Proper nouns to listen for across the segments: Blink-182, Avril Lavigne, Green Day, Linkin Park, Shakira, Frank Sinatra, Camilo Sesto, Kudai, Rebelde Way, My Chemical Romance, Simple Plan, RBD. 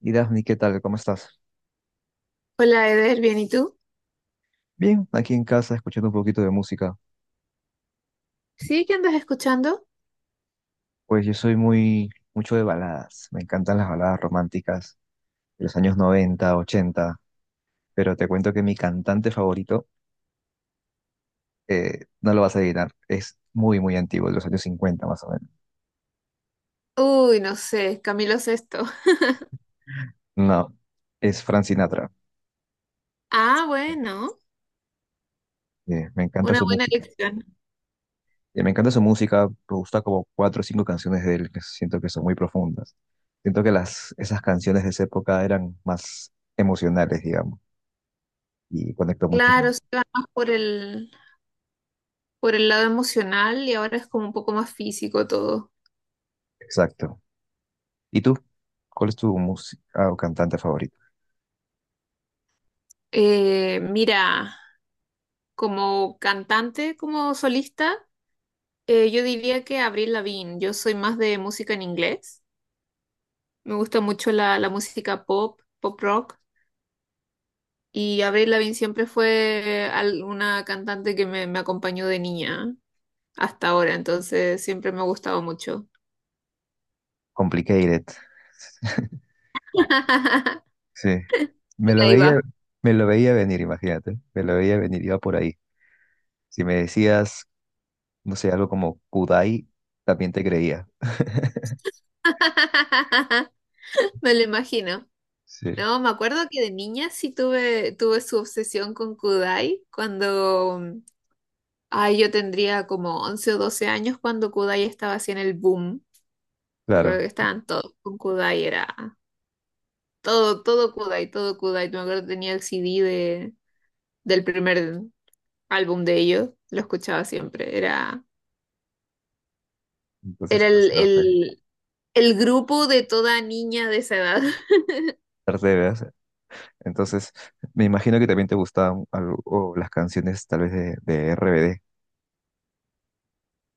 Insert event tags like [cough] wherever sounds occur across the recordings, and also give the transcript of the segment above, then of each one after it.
Y Daphne, ¿qué tal? ¿Cómo estás? Hola Eder, ¿bien y tú? Bien, aquí en casa escuchando un poquito de música. ¿Sí? ¿Qué andas escuchando? Pues yo soy muy, mucho de baladas. Me encantan las baladas románticas de los años 90, 80. Pero te cuento que mi cantante favorito, no lo vas a adivinar, es muy, muy antiguo, de los años 50 más o menos. Uy, no sé, Camilo Sesto. [laughs] No, es Frank Sinatra. Ah, bueno, Me encanta una su buena música. elección. Me encanta su música, me gusta como cuatro o cinco canciones de él que siento que son muy profundas. Siento que esas canciones de esa época eran más emocionales, digamos. Y conecto mucho Claro, con... se va más por el lado emocional y ahora es como un poco más físico todo. Exacto. ¿Y tú? ¿Cuál es tu música o cantante favorito? Mira, como cantante, como solista, yo diría que Avril Lavigne. Yo soy más de música en inglés. Me gusta mucho la música pop, pop rock. Y Avril Lavigne siempre una cantante que me acompañó de niña hasta ahora, entonces siempre me ha gustado mucho. Complicated. [laughs] [laughs] Sí. Por Me lo ahí veía, va. me lo veía venir, imagínate. Me lo veía venir, iba por ahí. Si me decías, no sé, algo como Kudai, también te creía. [laughs] Me lo imagino. Sí, No, me acuerdo que de niña sí tuve su obsesión con Kudai cuando, ay, yo tendría como 11 o 12 años cuando Kudai estaba así en el boom. Me acuerdo claro. que estaban todos con Kudai, era todo Kudai, todo Kudai. Me acuerdo que tenía el CD del primer álbum de ellos, lo escuchaba siempre. Era, Entonces, era o el, sea, fue el, El grupo de toda niña de esa edad. [laughs] perseveras. Entonces, me imagino que también te gustaban algo, las canciones tal vez de RBD.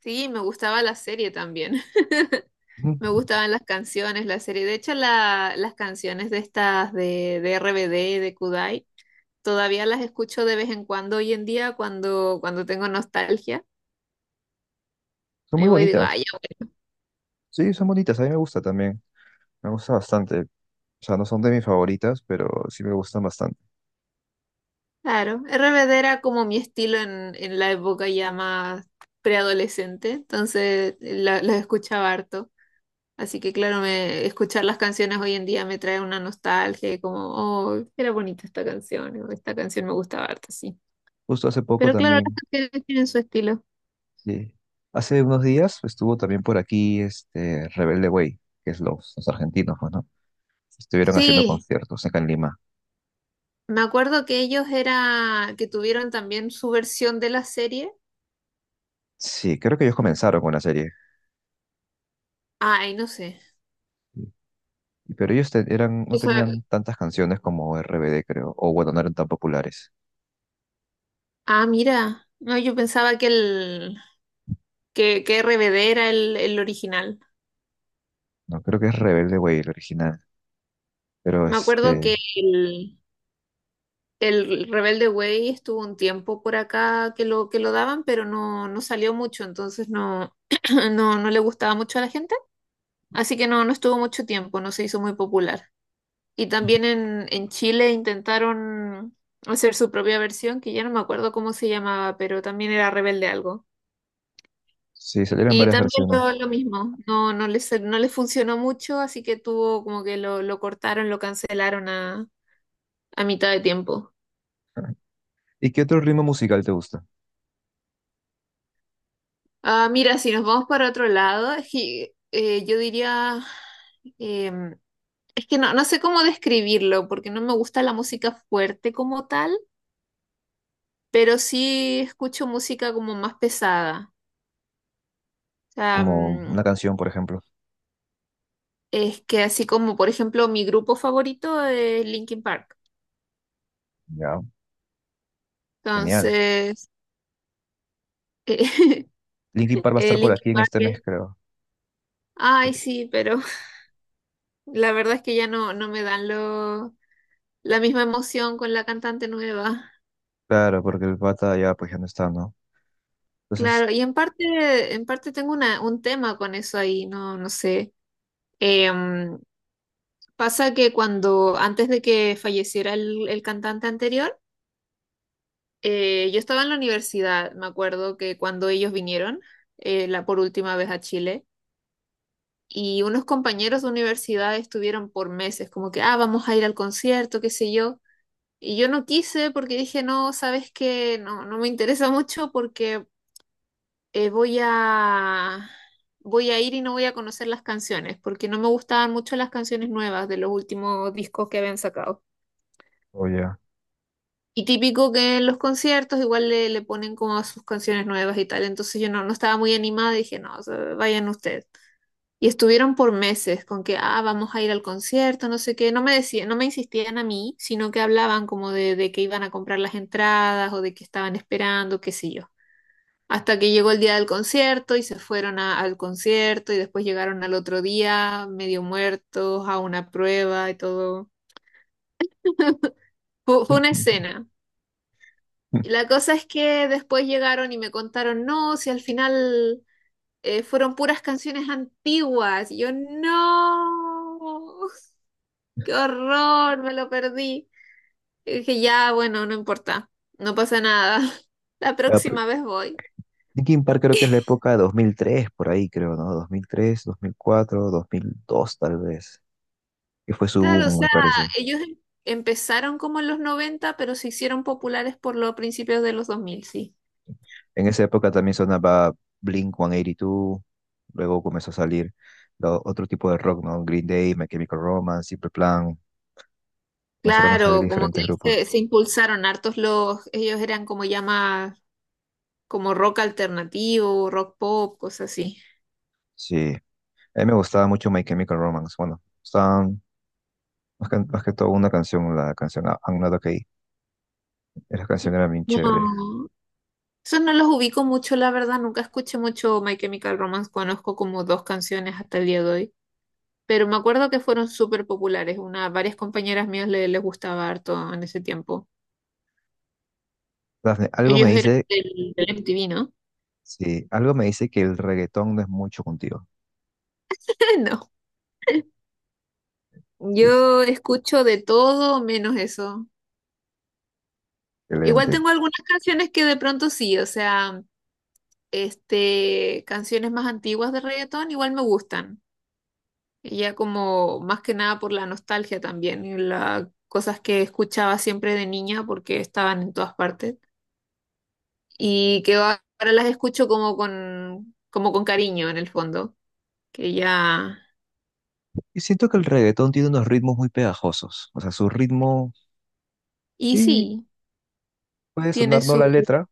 Sí, me gustaba la serie también. [laughs] Ujú. Me gustaban las canciones, la serie. De hecho, las canciones de estas de RBD, de Kudai, todavía las escucho de vez en cuando hoy en día cuando tengo nostalgia. Son muy Me voy y digo, ay, bonitas. ya, Sí, son bonitas. A mí me gusta también. Me gusta bastante. O sea, no son de mis favoritas, pero sí me gustan bastante. claro. RBD era como mi estilo en la época ya más preadolescente, entonces las escuchaba harto. Así que claro, me, escuchar las canciones hoy en día me trae una nostalgia, y como, oh, era bonita esta canción, o esta canción me gustaba harto, sí. Justo hace poco Pero claro, las también, canciones tienen su estilo. sí. Hace unos días estuvo también por aquí este Rebelde Way, que es los argentinos, pues, ¿no? Estuvieron haciendo Sí, conciertos acá en Lima. me acuerdo que ellos era, que tuvieron también su versión de la serie. Sí, creo que ellos comenzaron con la serie. Ay, no sé. Sí, pero eran, no Eso- tenían tantas canciones como RBD, creo. O bueno, no eran tan populares. Mira. No, yo pensaba que que RBD era el original. No, creo que es Rebelde Way el original. Pero Me acuerdo que este, el Rebelde Way estuvo un tiempo por acá que lo daban, pero no, no salió mucho, entonces no, [clears throat] no, no le gustaba mucho a la gente, así que no, no estuvo mucho tiempo, no se hizo muy popular. Y también en Chile intentaron hacer su propia versión, que ya no me acuerdo cómo se llamaba, pero también era Rebelde algo. sí, salieron Y varias también versiones. lo mismo, no les funcionó mucho, así que tuvo como que lo cortaron, lo cancelaron a mitad de tiempo. [laughs] ¿Y qué otro ritmo musical te gusta? Ah, mira, si nos vamos para otro lado, es que, yo diría, em, es que no, no sé cómo describirlo, porque no me gusta la música fuerte como tal, pero sí escucho música como más pesada. O sea, Como una canción, por ejemplo. es que así como, por ejemplo, mi grupo favorito es Linkin Park. Ya, genial. Entonces, eh, Linkin Park [laughs] va a estar por Linkin aquí en este mes, creo. ay, sí, pero [laughs] la verdad es que ya no, no me dan la misma emoción con la cantante nueva. Claro, porque el pata ya, pues ya no está, ¿no? Entonces, Claro, y en parte tengo un tema con eso ahí, no, no sé. Em, Pasa que cuando, antes de que falleciera el cantante anterior, yo estaba en la universidad, me acuerdo que cuando ellos vinieron, la por última vez a Chile, y unos compañeros de universidad estuvieron por meses, como que, ah, vamos a ir al concierto, qué sé yo. Y yo no quise porque dije, no, sabes que no, no me interesa mucho porque eh, voy a, voy a ir y no voy a conocer las canciones, porque no me gustaban mucho las canciones nuevas de los últimos discos que habían sacado. o ya. Y típico que en los conciertos igual le ponen como sus canciones nuevas y tal. Entonces yo no, no estaba muy animada y dije, no, o sea, vayan ustedes. Y estuvieron por meses con que, ah, vamos a ir al concierto, no sé qué. No me decían, no me insistían a mí, sino que hablaban como de que iban a comprar las entradas o de que estaban esperando, qué sé yo. Hasta que llegó el día del concierto y se fueron al concierto y después llegaron al otro día medio muertos a una prueba y todo. Fue una [laughs] escena. Y la cosa es que después llegaron y me contaron, no, si al final fueron puras canciones antiguas. Y yo, no, qué horror, me lo perdí. Y dije, ya, bueno, no importa, no pasa nada. [laughs] La Ya, pero próxima vez voy. Linkin Park creo que es la época de 2003, por ahí creo, ¿no? 2003, 2004, 2002 tal vez, que fue su Claro, o boom, me sea, parece. ellos empezaron como en los 90, pero se hicieron populares por los principios de los 2000, sí. En esa época también sonaba Blink-182, luego comenzó a salir otro tipo de rock, ¿no? Green Day, My Chemical Romance, Simple Plan, comenzaron a salir Claro, como que diferentes grupos. Se impulsaron hartos los, ellos eran como ya más, como rock alternativo, rock pop, cosas así. Sí, a mí me gustaba mucho My Chemical Romance, bueno, estaban más que todo una canción, la canción I'm Not Okay. Esa canción Sí. era bien chévere. No, eso no los ubico mucho, la verdad, nunca escuché mucho My Chemical Romance, conozco como dos canciones hasta el día de hoy, pero me acuerdo que fueron súper populares, una, varias compañeras mías les gustaba harto en ese tiempo. Dafne, algo me Ellos eran dice, del, del MTV, ¿no? sí, algo me dice que el reggaetón no es mucho contigo. [laughs] No, Sí, yo escucho de todo menos eso. Igual excelente. tengo algunas canciones que de pronto sí, o sea, este, canciones más antiguas de reggaetón igual me gustan. Y ya como más que nada por la nostalgia también, y las cosas que escuchaba siempre de niña porque estaban en todas partes y que ahora las escucho como con cariño en el fondo, que ya Yo siento que el reggaetón tiene unos ritmos muy pegajosos. O sea, su ritmo y sí, sí, puede tiene. sonar no la letra.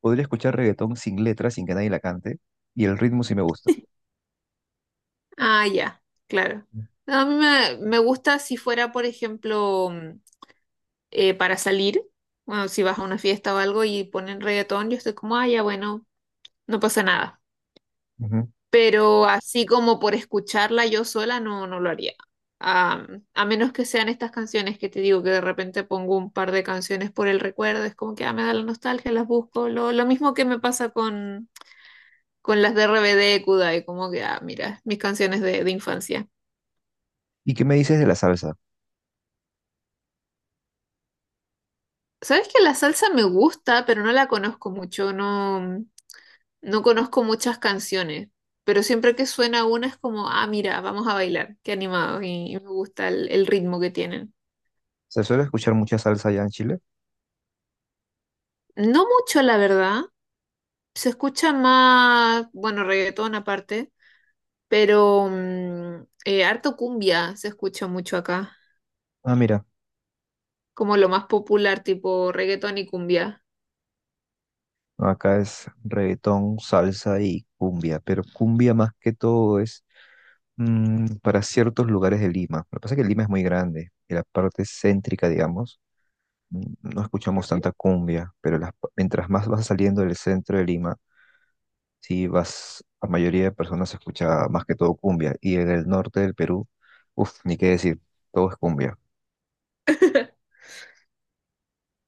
Podría escuchar reggaetón sin letra, sin que nadie la cante. Y el ritmo sí me gusta. Ah, ya, claro. No, a mí me gusta si fuera, por ejemplo, para salir, bueno, si vas a una fiesta o algo y ponen reggaetón, yo estoy como, ah, ya, bueno, no pasa nada. Ujú. Pero así como por escucharla yo sola, no, no lo haría. Ah, a menos que sean estas canciones que te digo que de repente pongo un par de canciones por el recuerdo, es como que ah, me da la nostalgia, las busco. Lo mismo que me pasa con las de RBD, Kudai, como que, ah, mira, mis canciones de infancia. ¿Y qué me dices de la salsa? Sabes que la salsa me gusta, pero no la conozco mucho, no, no conozco muchas canciones, pero siempre que suena una es como, ah, mira, vamos a bailar, qué animado, y me gusta el ritmo que tienen. ¿Se suele escuchar mucha salsa allá en Chile? No mucho, la verdad, se escucha más, bueno, reggaetón aparte, pero harto cumbia se escucha mucho acá, Ah, mira, como lo más popular, tipo reggaetón y cumbia. acá es reggaetón, salsa y cumbia, pero cumbia más que todo es mm, para ciertos lugares de Lima. Lo que pasa es que Lima es muy grande y la parte céntrica, digamos, mm, no escuchamos Ujú. tanta cumbia, pero mientras más vas saliendo del centro de Lima, sí vas, la mayoría de personas escucha más que todo cumbia. Y en el norte del Perú, uff, ni qué decir, todo es cumbia.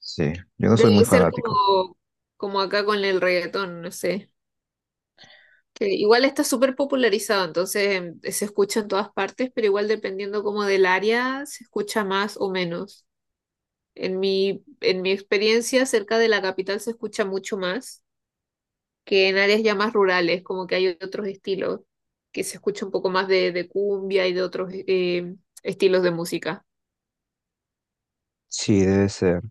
Sí, yo no soy Debe muy ser fanático. como, como acá con el reggaetón, no sé. Que igual está súper popularizado, entonces se escucha en todas partes, pero igual dependiendo como del área se escucha más o menos. En mi experiencia, cerca de la capital se escucha mucho más que en áreas ya más rurales, como que hay otros estilos, que se escucha un poco más de cumbia y de otros estilos de música. Sí, debe ser.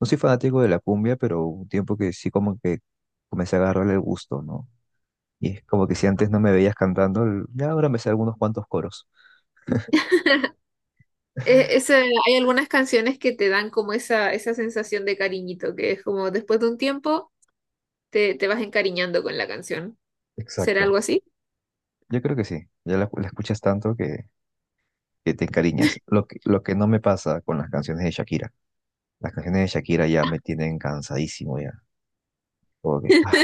No soy fanático de la cumbia, pero hubo un tiempo que sí como que comencé a agarrarle el gusto, ¿no? Y es como que si antes no me veías cantando, ya ahora me sé algunos cuantos coros. E- ese- Hay algunas canciones que te dan como esa sensación de cariñito, que es como después de un tiempo te vas encariñando con la canción. ¿Será algo Exacto. así? Yo creo que sí, ya la escuchas tanto que te encariñas. Lo que no me pasa con las canciones de Shakira. Las canciones de Shakira ya me tienen cansadísimo ya. Como que, ah,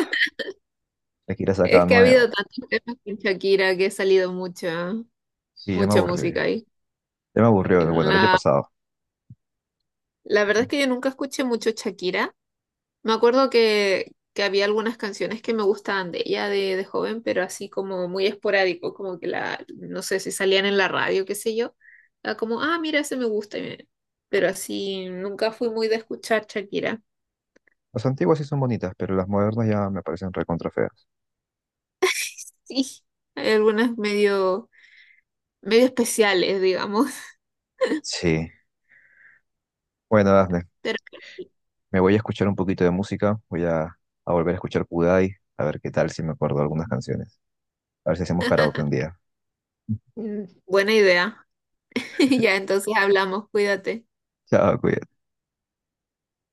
Shakira saca Es que ha habido nuevo. tantos temas con Shakira que ha salido mucha, Sí, ya me mucha aburrió música ya. ahí. Ya me aburrió, bueno, el año La, pasado. la verdad es que yo nunca escuché mucho Shakira. Me acuerdo que había algunas canciones que me gustaban de ella de joven, pero así como muy esporádico, como que la, no sé si salían en la radio, qué sé yo. Era como, ah, mira, ese me gusta pero así nunca fui muy de escuchar Shakira. Las antiguas sí son bonitas, pero las modernas ya me parecen recontra feas. Sí, hay algunas medio, medio especiales, digamos. Sí. Bueno, [laughs] Dafne, Pero me voy a escuchar un poquito de música. Voy a volver a escuchar Kudai, a ver qué tal si me acuerdo de algunas canciones. A ver si hacemos karaoke un día. Buena idea. [laughs] Ya, entonces hablamos, cuídate. Chao, cuídate.